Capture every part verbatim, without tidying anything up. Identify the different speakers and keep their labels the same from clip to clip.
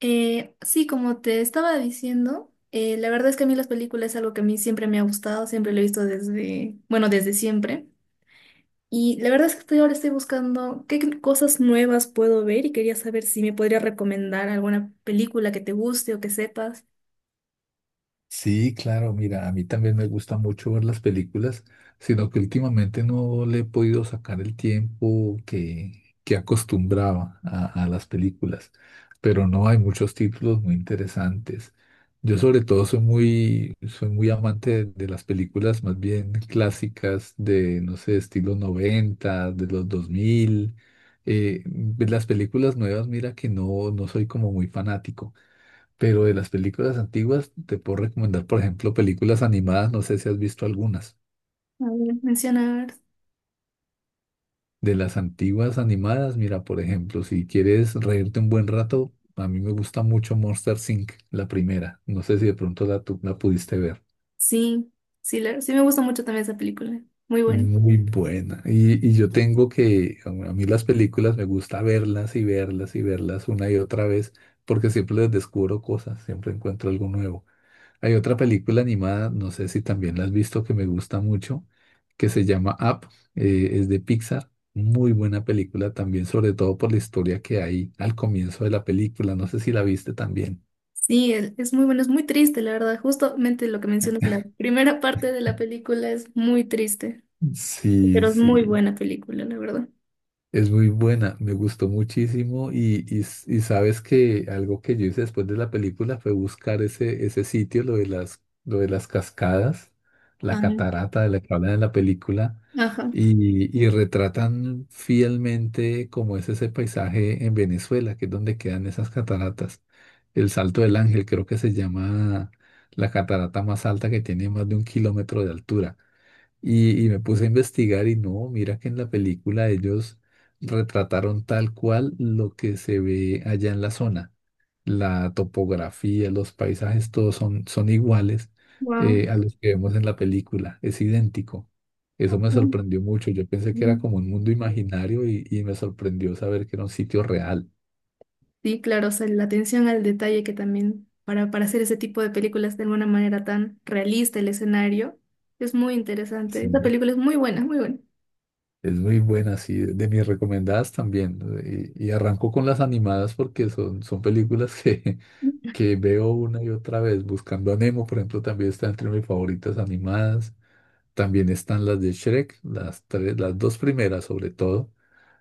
Speaker 1: Eh, sí, como te estaba diciendo, eh, la verdad es que a mí las películas es algo que a mí siempre me ha gustado, siempre lo he visto desde, bueno, desde siempre. Y la verdad es que estoy, ahora estoy buscando qué cosas nuevas puedo ver y quería saber si me podría recomendar alguna película que te guste o que sepas.
Speaker 2: Sí, claro, mira, a mí también me gusta mucho ver las películas, sino que últimamente no le he podido sacar el tiempo que, que acostumbraba a, a las películas, pero no hay muchos títulos muy interesantes. Yo sobre todo soy muy, soy muy, amante de, de las películas más bien clásicas de, no sé, estilo noventa, de los dos mil. Eh, de las películas nuevas, mira que no, no soy como muy fanático. Pero de las películas antiguas te puedo recomendar, por ejemplo, películas animadas, no sé si has visto algunas.
Speaker 1: A ver, menciona, a ver.
Speaker 2: De las antiguas animadas, mira, por ejemplo, si quieres reírte un buen rato, a mí me gusta mucho Monster inc, la primera. No sé si de pronto la, tú la pudiste ver.
Speaker 1: Sí, sí, la- sí me gusta mucho también esa película. Muy
Speaker 2: Es
Speaker 1: buena.
Speaker 2: Muy buena. Y, y yo tengo que, a a mí las películas me gusta verlas y verlas y verlas una y otra vez, porque siempre les descubro cosas, siempre encuentro algo nuevo. Hay otra película animada, no sé si también la has visto, que me gusta mucho, que se llama Up, eh, es de Pixar. Muy buena película también, sobre todo por la historia que hay al comienzo de la película. No sé si la viste también.
Speaker 1: Sí, es es muy bueno, es muy triste, la verdad. Justamente lo que mencionas, la primera parte de la película es muy triste,
Speaker 2: Sí,
Speaker 1: pero es muy
Speaker 2: sí.
Speaker 1: buena película, la verdad.
Speaker 2: Es muy buena, me gustó muchísimo y, y s- y sabes que algo que yo hice después de la película fue buscar ese, ese sitio, lo de las, lo de las cascadas, la
Speaker 1: Ay,
Speaker 2: catarata de la que hablan en la película
Speaker 1: ajá,
Speaker 2: y, y retratan fielmente cómo es ese paisaje en Venezuela, que es donde quedan esas cataratas. El Salto del Ángel creo que se llama la catarata más alta que tiene más de un kilómetro de altura. Y, y me puse a investigar y no, mira que en la película ellos retrataron tal cual lo que se ve allá en la zona. La topografía, los paisajes, todos son, son iguales
Speaker 1: wow.
Speaker 2: eh, a los que vemos en la película. Es idéntico. Eso me sorprendió mucho. Yo pensé que era como un mundo imaginario y, y me sorprendió saber que era un sitio real.
Speaker 1: Sí, claro, o sea, la atención al detalle que también para, para hacer ese tipo de películas de alguna manera tan realista el escenario es muy interesante. Esta
Speaker 2: Sí.
Speaker 1: película es muy buena, muy buena.
Speaker 2: Es muy buena, sí, de de mis recomendadas también. ¿no? Y, y arranco con las animadas porque son, son películas que, que veo una y otra vez. Buscando a Nemo, por ejemplo, también está entre mis favoritas animadas. También están las de Shrek, las tres, las dos primeras sobre todo.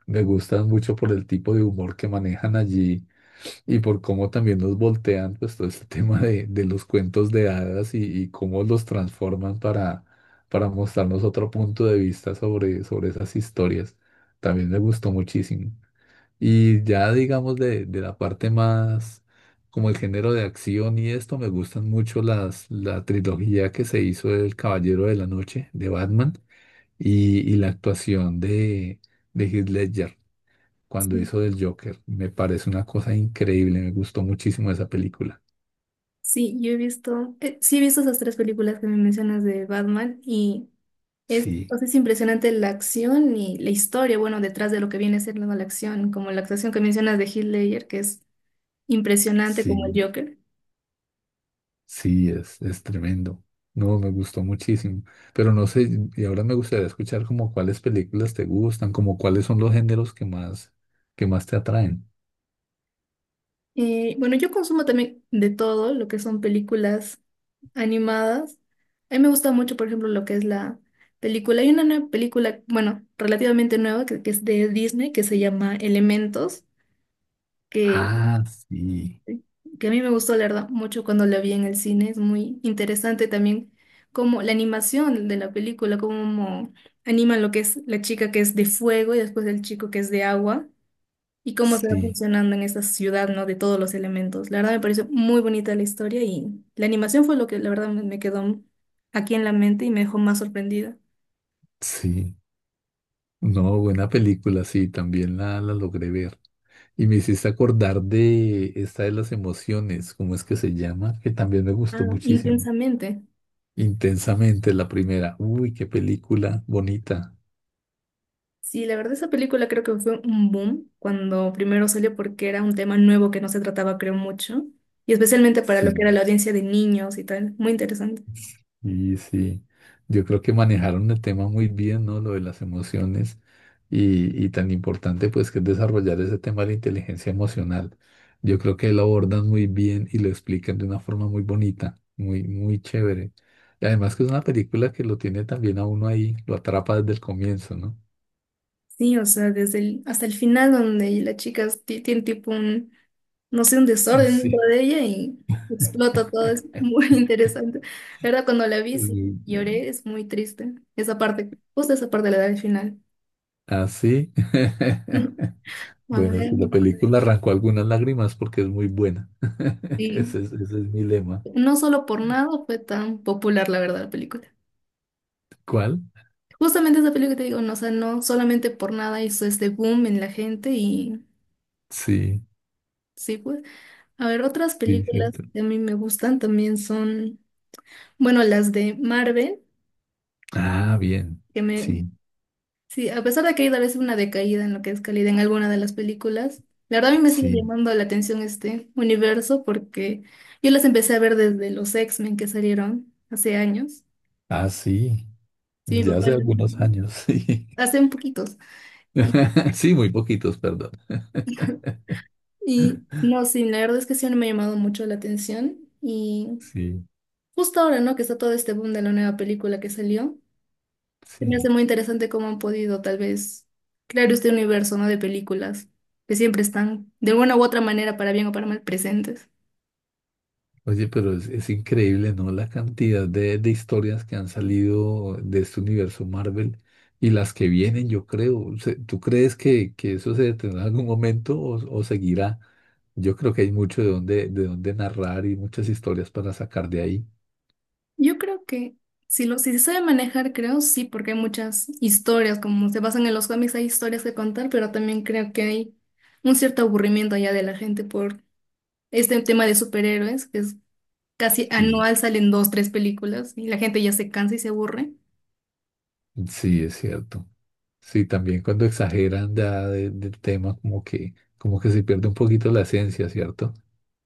Speaker 2: Me gustan mucho por el tipo de humor que manejan allí y por cómo también nos voltean pues todo este tema de, de los cuentos de hadas y, y cómo los transforman para, para mostrarnos otro punto de vista sobre, sobre esas historias. También me gustó muchísimo. Y ya digamos de, de la parte más como el género de acción y esto, me gustan mucho las, la trilogía que se hizo del Caballero de la Noche de Batman y, y la actuación de, de Heath Ledger cuando
Speaker 1: Sí,
Speaker 2: hizo del Joker. Me parece una cosa increíble, me gustó muchísimo esa película.
Speaker 1: sí, yo he visto, eh, sí he visto esas tres películas que me mencionas de Batman y es, o
Speaker 2: Sí,
Speaker 1: sea, es impresionante la acción y la historia, bueno, detrás de lo que viene siendo la acción, como la actuación que mencionas de Heath Ledger, que es impresionante como el
Speaker 2: sí.
Speaker 1: Joker.
Speaker 2: Sí, es, es tremendo. No, me gustó muchísimo. Pero no sé, y ahora me gustaría escuchar como cuáles películas te gustan, como cuáles son los géneros que más, que más te atraen.
Speaker 1: Eh, bueno, yo consumo también de todo lo que son películas animadas. A mí me gusta mucho, por ejemplo, lo que es la película. Hay una nueva película, bueno, relativamente nueva, que, que es de Disney, que se llama Elementos, que,
Speaker 2: Ah, sí,
Speaker 1: que a mí me gustó, la verdad, mucho cuando la vi en el cine. Es muy interesante también como la animación de la película, cómo animan lo que es la chica que es de fuego y después el chico que es de agua y cómo se va
Speaker 2: sí,
Speaker 1: funcionando en esa ciudad, ¿no? De todos los elementos. La verdad me pareció muy bonita la historia y la animación fue lo que la verdad me me quedó aquí en la mente y me dejó más sorprendida.
Speaker 2: sí. No, buena película, sí, también la, la logré ver. Y me hiciste acordar de esta de las emociones, ¿cómo es que se llama? Que también me
Speaker 1: Ah,
Speaker 2: gustó muchísimo.
Speaker 1: intensamente.
Speaker 2: Intensamente la primera. Uy, qué película bonita.
Speaker 1: Sí, la verdad esa película creo que fue un boom cuando primero salió porque era un tema nuevo que no se trataba, creo, mucho, y especialmente para
Speaker 2: Sí.
Speaker 1: lo que era la audiencia de niños y tal. Muy interesante.
Speaker 2: Y sí, yo creo que manejaron el tema muy bien, ¿no? Lo de las emociones y, y tan importante pues que es desarrollar ese tema de la inteligencia emocional. Yo creo que lo abordan muy bien y lo explican de una forma muy bonita, muy, muy chévere. Y además que es una película que lo tiene también a uno ahí, lo atrapa desde el comienzo, ¿no?
Speaker 1: Sí, o sea, desde el, hasta el final donde la chica ti- tiene tipo un, no sé, un desorden dentro
Speaker 2: Sí.
Speaker 1: de ella y explota todo, es muy interesante. La verdad, cuando la vi, sí,
Speaker 2: Sí.
Speaker 1: lloré, es muy triste. Esa parte, justo esa parte la da al final.
Speaker 2: Así.
Speaker 1: A
Speaker 2: Bueno,
Speaker 1: ver,
Speaker 2: si la película arrancó algunas lágrimas porque es muy buena.
Speaker 1: sí,
Speaker 2: Ese es, ese es mi lema.
Speaker 1: no solo por nada fue tan popular, la verdad, la película.
Speaker 2: ¿Cuál?
Speaker 1: Justamente esa película que te digo, no, o sea, no solamente por nada hizo este boom en la gente y
Speaker 2: Sí,
Speaker 1: sí, pues. A ver, otras
Speaker 2: sí,
Speaker 1: películas
Speaker 2: cierto.
Speaker 1: que a mí me gustan también son... Bueno, las de Marvel,
Speaker 2: Ah, bien.
Speaker 1: que me...
Speaker 2: Sí,
Speaker 1: Sí, a pesar de que hay a veces una decaída en lo que es calidad en alguna de las películas, la verdad a mí me sigue
Speaker 2: sí.
Speaker 1: llamando la atención este universo porque yo las empecé a ver desde los X-Men que salieron hace años.
Speaker 2: Ah, sí.
Speaker 1: Sí, mi
Speaker 2: Ya
Speaker 1: papá,
Speaker 2: hace
Speaker 1: las-
Speaker 2: algunos años, sí.
Speaker 1: hace un poquitos. Y,
Speaker 2: Sí, muy poquitos, perdón.
Speaker 1: y no, sí, la verdad es que sí no me ha llamado mucho la atención. Y
Speaker 2: Sí,
Speaker 1: justo ahora, ¿no? Que está todo este boom de la nueva película que salió. Se me hace
Speaker 2: sí.
Speaker 1: muy interesante cómo han podido, tal vez, crear este universo, ¿no? De películas que siempre están, de alguna u otra manera, para bien o para mal, presentes.
Speaker 2: Oye, pero es, es increíble, ¿no? La cantidad de, de historias que han salido de este universo Marvel y las que vienen, yo creo. Se- ¿Tú crees que, que eso se detendrá en algún momento o, o seguirá? Yo creo que hay mucho de dónde, de dónde narrar y muchas historias para sacar de ahí.
Speaker 1: Yo creo que si, lo, si se sabe manejar, creo sí, porque hay muchas historias, como se basan en los cómics, hay historias que contar, pero también creo que hay un cierto aburrimiento ya de la gente por este tema de superhéroes, que es casi
Speaker 2: Sí,
Speaker 1: anual salen dos, tres películas y la gente ya se cansa y se aburre.
Speaker 2: sí, es cierto. Sí, también cuando exageran ya de- del tema, como que, como que se pierde un poquito la esencia, ¿cierto?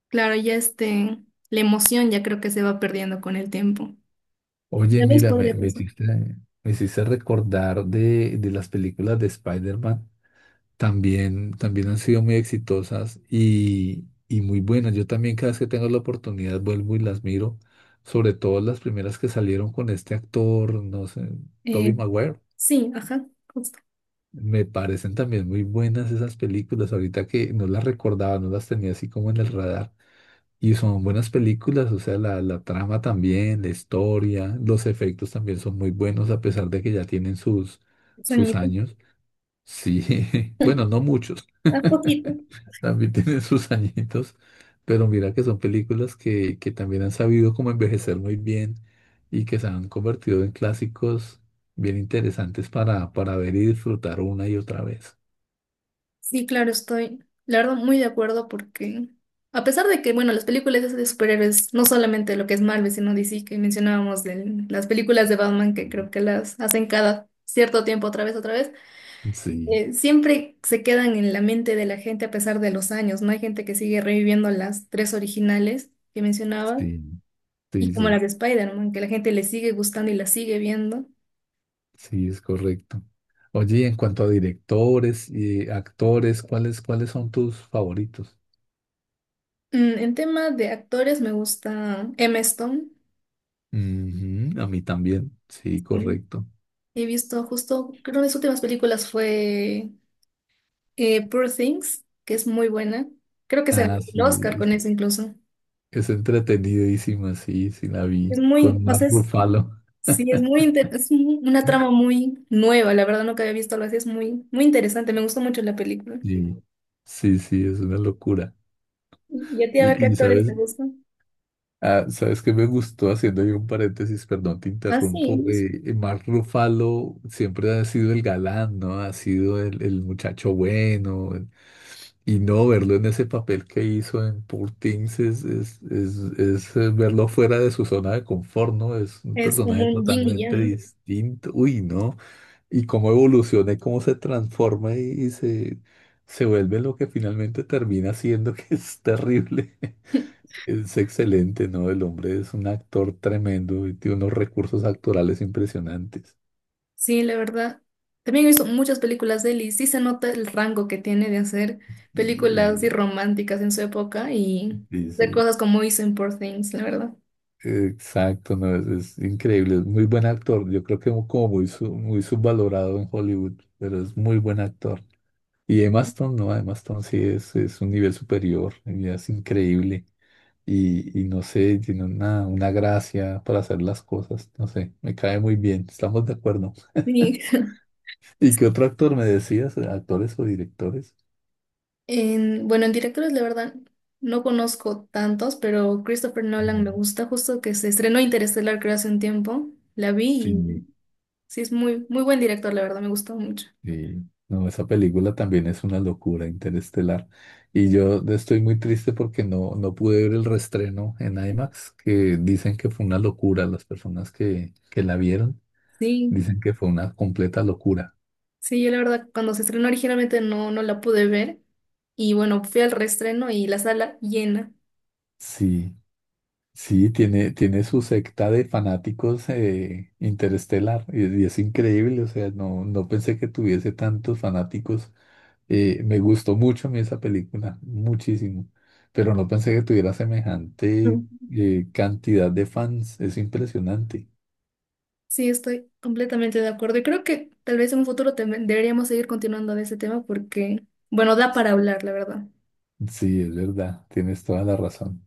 Speaker 1: Claro, ya este, la emoción ya creo que se va perdiendo con el tiempo.
Speaker 2: Oye,
Speaker 1: Ya ves,
Speaker 2: mira, me,
Speaker 1: podría
Speaker 2: me
Speaker 1: pasar.
Speaker 2: hiciste, me hiciste recordar de, de las películas de Spider-Man. También, también han sido muy exitosas y, y muy buenas. Yo también cada vez que tengo la oportunidad vuelvo y las miro, sobre todo las primeras que salieron con este actor, no sé, Tobey
Speaker 1: Eh,
Speaker 2: Maguire.
Speaker 1: sí, ajá, justo.
Speaker 2: Me parecen también muy buenas esas películas, ahorita que no las recordaba, no las tenía así como en el radar. Y son buenas películas, o sea, la, la trama también, la historia, los efectos también son muy buenos, a pesar de que ya tienen sus, sus
Speaker 1: Sueñito.
Speaker 2: años. Sí, bueno, no muchos,
Speaker 1: A poquito.
Speaker 2: también tienen sus añitos, pero mira que son películas que, que también han sabido cómo envejecer muy bien y que se han convertido en clásicos bien interesantes para, para ver y disfrutar una y otra vez.
Speaker 1: Sí, claro, estoy, la verdad, muy de acuerdo porque, a pesar de que, bueno, las películas esas de superhéroes, no solamente lo que es Marvel, sino D C, que mencionábamos de las películas de Batman, que creo
Speaker 2: Mm.
Speaker 1: que las hacen cada cierto tiempo, otra vez, otra vez,
Speaker 2: Sí,
Speaker 1: eh, siempre se quedan en la mente de la gente a pesar de los años, ¿no? Hay gente que sigue reviviendo las tres originales que mencionaba,
Speaker 2: sí,
Speaker 1: y
Speaker 2: sí,
Speaker 1: como las
Speaker 2: sí.
Speaker 1: de Spider-Man, que la gente le sigue gustando y las sigue viendo.
Speaker 2: Sí, es correcto. Oye, y en cuanto a directores y actores, ¿cuáles, cuáles son tus favoritos?
Speaker 1: Mm, en tema de actores me gusta Emma Stone.
Speaker 2: Ujú, a mí también, sí,
Speaker 1: Sí.
Speaker 2: correcto.
Speaker 1: He visto justo, creo que de sus últimas películas fue eh, Poor Things, que es muy buena. Creo que se ganó
Speaker 2: Ah,
Speaker 1: el Oscar
Speaker 2: sí,
Speaker 1: con
Speaker 2: sí,
Speaker 1: eso incluso.
Speaker 2: es entretenidísima, sí, sí la vi,
Speaker 1: Es muy,
Speaker 2: con
Speaker 1: o
Speaker 2: Mark
Speaker 1: sea, es-
Speaker 2: Ruffalo.
Speaker 1: sí, es muy, inter- es un- una trama muy nueva, la verdad nunca había visto algo así, es muy, muy interesante, me gustó mucho la película.
Speaker 2: Sí, sí, sí, es una locura.
Speaker 1: Y, y a ti, a ver
Speaker 2: Y,
Speaker 1: qué
Speaker 2: y
Speaker 1: actores
Speaker 2: sabes,
Speaker 1: te gustan.
Speaker 2: ah, sabes que me gustó, haciendo yo un paréntesis, perdón, te
Speaker 1: Ah, sí,
Speaker 2: interrumpo,
Speaker 1: es,
Speaker 2: eh, Mark Ruffalo siempre ha sido el galán, ¿no? Ha sido el, el muchacho bueno. Y no verlo en ese papel que hizo en Poor Things es, es, es, es, eh, verlo fuera de su zona de confort, ¿no? Es un
Speaker 1: es como
Speaker 2: personaje
Speaker 1: un yin y
Speaker 2: totalmente
Speaker 1: yang.
Speaker 2: distinto. Uy, ¿no? Y cómo evoluciona y cómo se transforma y, y se, se vuelve lo que finalmente termina siendo, que es terrible. Es excelente, ¿no? El hombre es un actor tremendo y tiene unos recursos actorales impresionantes.
Speaker 1: Sí, la verdad. También he visto muchas películas de él y sí se nota el rango que tiene de hacer películas así
Speaker 2: Y,
Speaker 1: románticas en su época y
Speaker 2: y
Speaker 1: de
Speaker 2: sí.
Speaker 1: cosas como hizo en Poor Things, la verdad.
Speaker 2: Exacto, no, es, es increíble, es muy buen actor. Yo creo que como muy, su- muy subvalorado en Hollywood, pero es muy buen actor. Y Emma Stone, no, Emma Stone sí es, es un nivel superior, ella es increíble. Y, y no sé, tiene una, una gracia para hacer las cosas, no sé, me cae muy bien, estamos de acuerdo.
Speaker 1: Sí.
Speaker 2: ¿Y qué otro actor me decías? ¿Actores o directores?
Speaker 1: En, bueno, en directores, la verdad, no conozco tantos, pero Christopher Nolan me
Speaker 2: Mm.
Speaker 1: gusta, justo que se estrenó Interestelar creo hace un tiempo. La vi y
Speaker 2: Sí.
Speaker 1: sí es muy, muy buen director, la verdad, me gustó mucho.
Speaker 2: Sí, no, esa película también es una locura interestelar. Y yo estoy muy triste porque no, no pude ver el reestreno en i max, que dicen que fue una locura. Las personas que, que la vieron
Speaker 1: Sí,
Speaker 2: dicen que fue una completa locura.
Speaker 1: sí, yo la verdad, cuando se estrenó originalmente no, no la pude ver. Y bueno, fui al reestreno y la sala llena.
Speaker 2: Sí, sí, tiene, tiene su secta de fanáticos eh, interestelar y, y es increíble. O sea, no, no pensé que tuviese tantos fanáticos Eh, Me gustó mucho a mí esa película, muchísimo, pero no pensé que tuviera semejante
Speaker 1: Ujú.
Speaker 2: eh, cantidad de fans, es impresionante.
Speaker 1: Sí, estoy completamente de acuerdo. Y creo que tal vez en un futuro tem- deberíamos seguir continuando de ese tema porque, bueno, da para hablar, la verdad.
Speaker 2: Sí, es verdad, tienes toda la razón.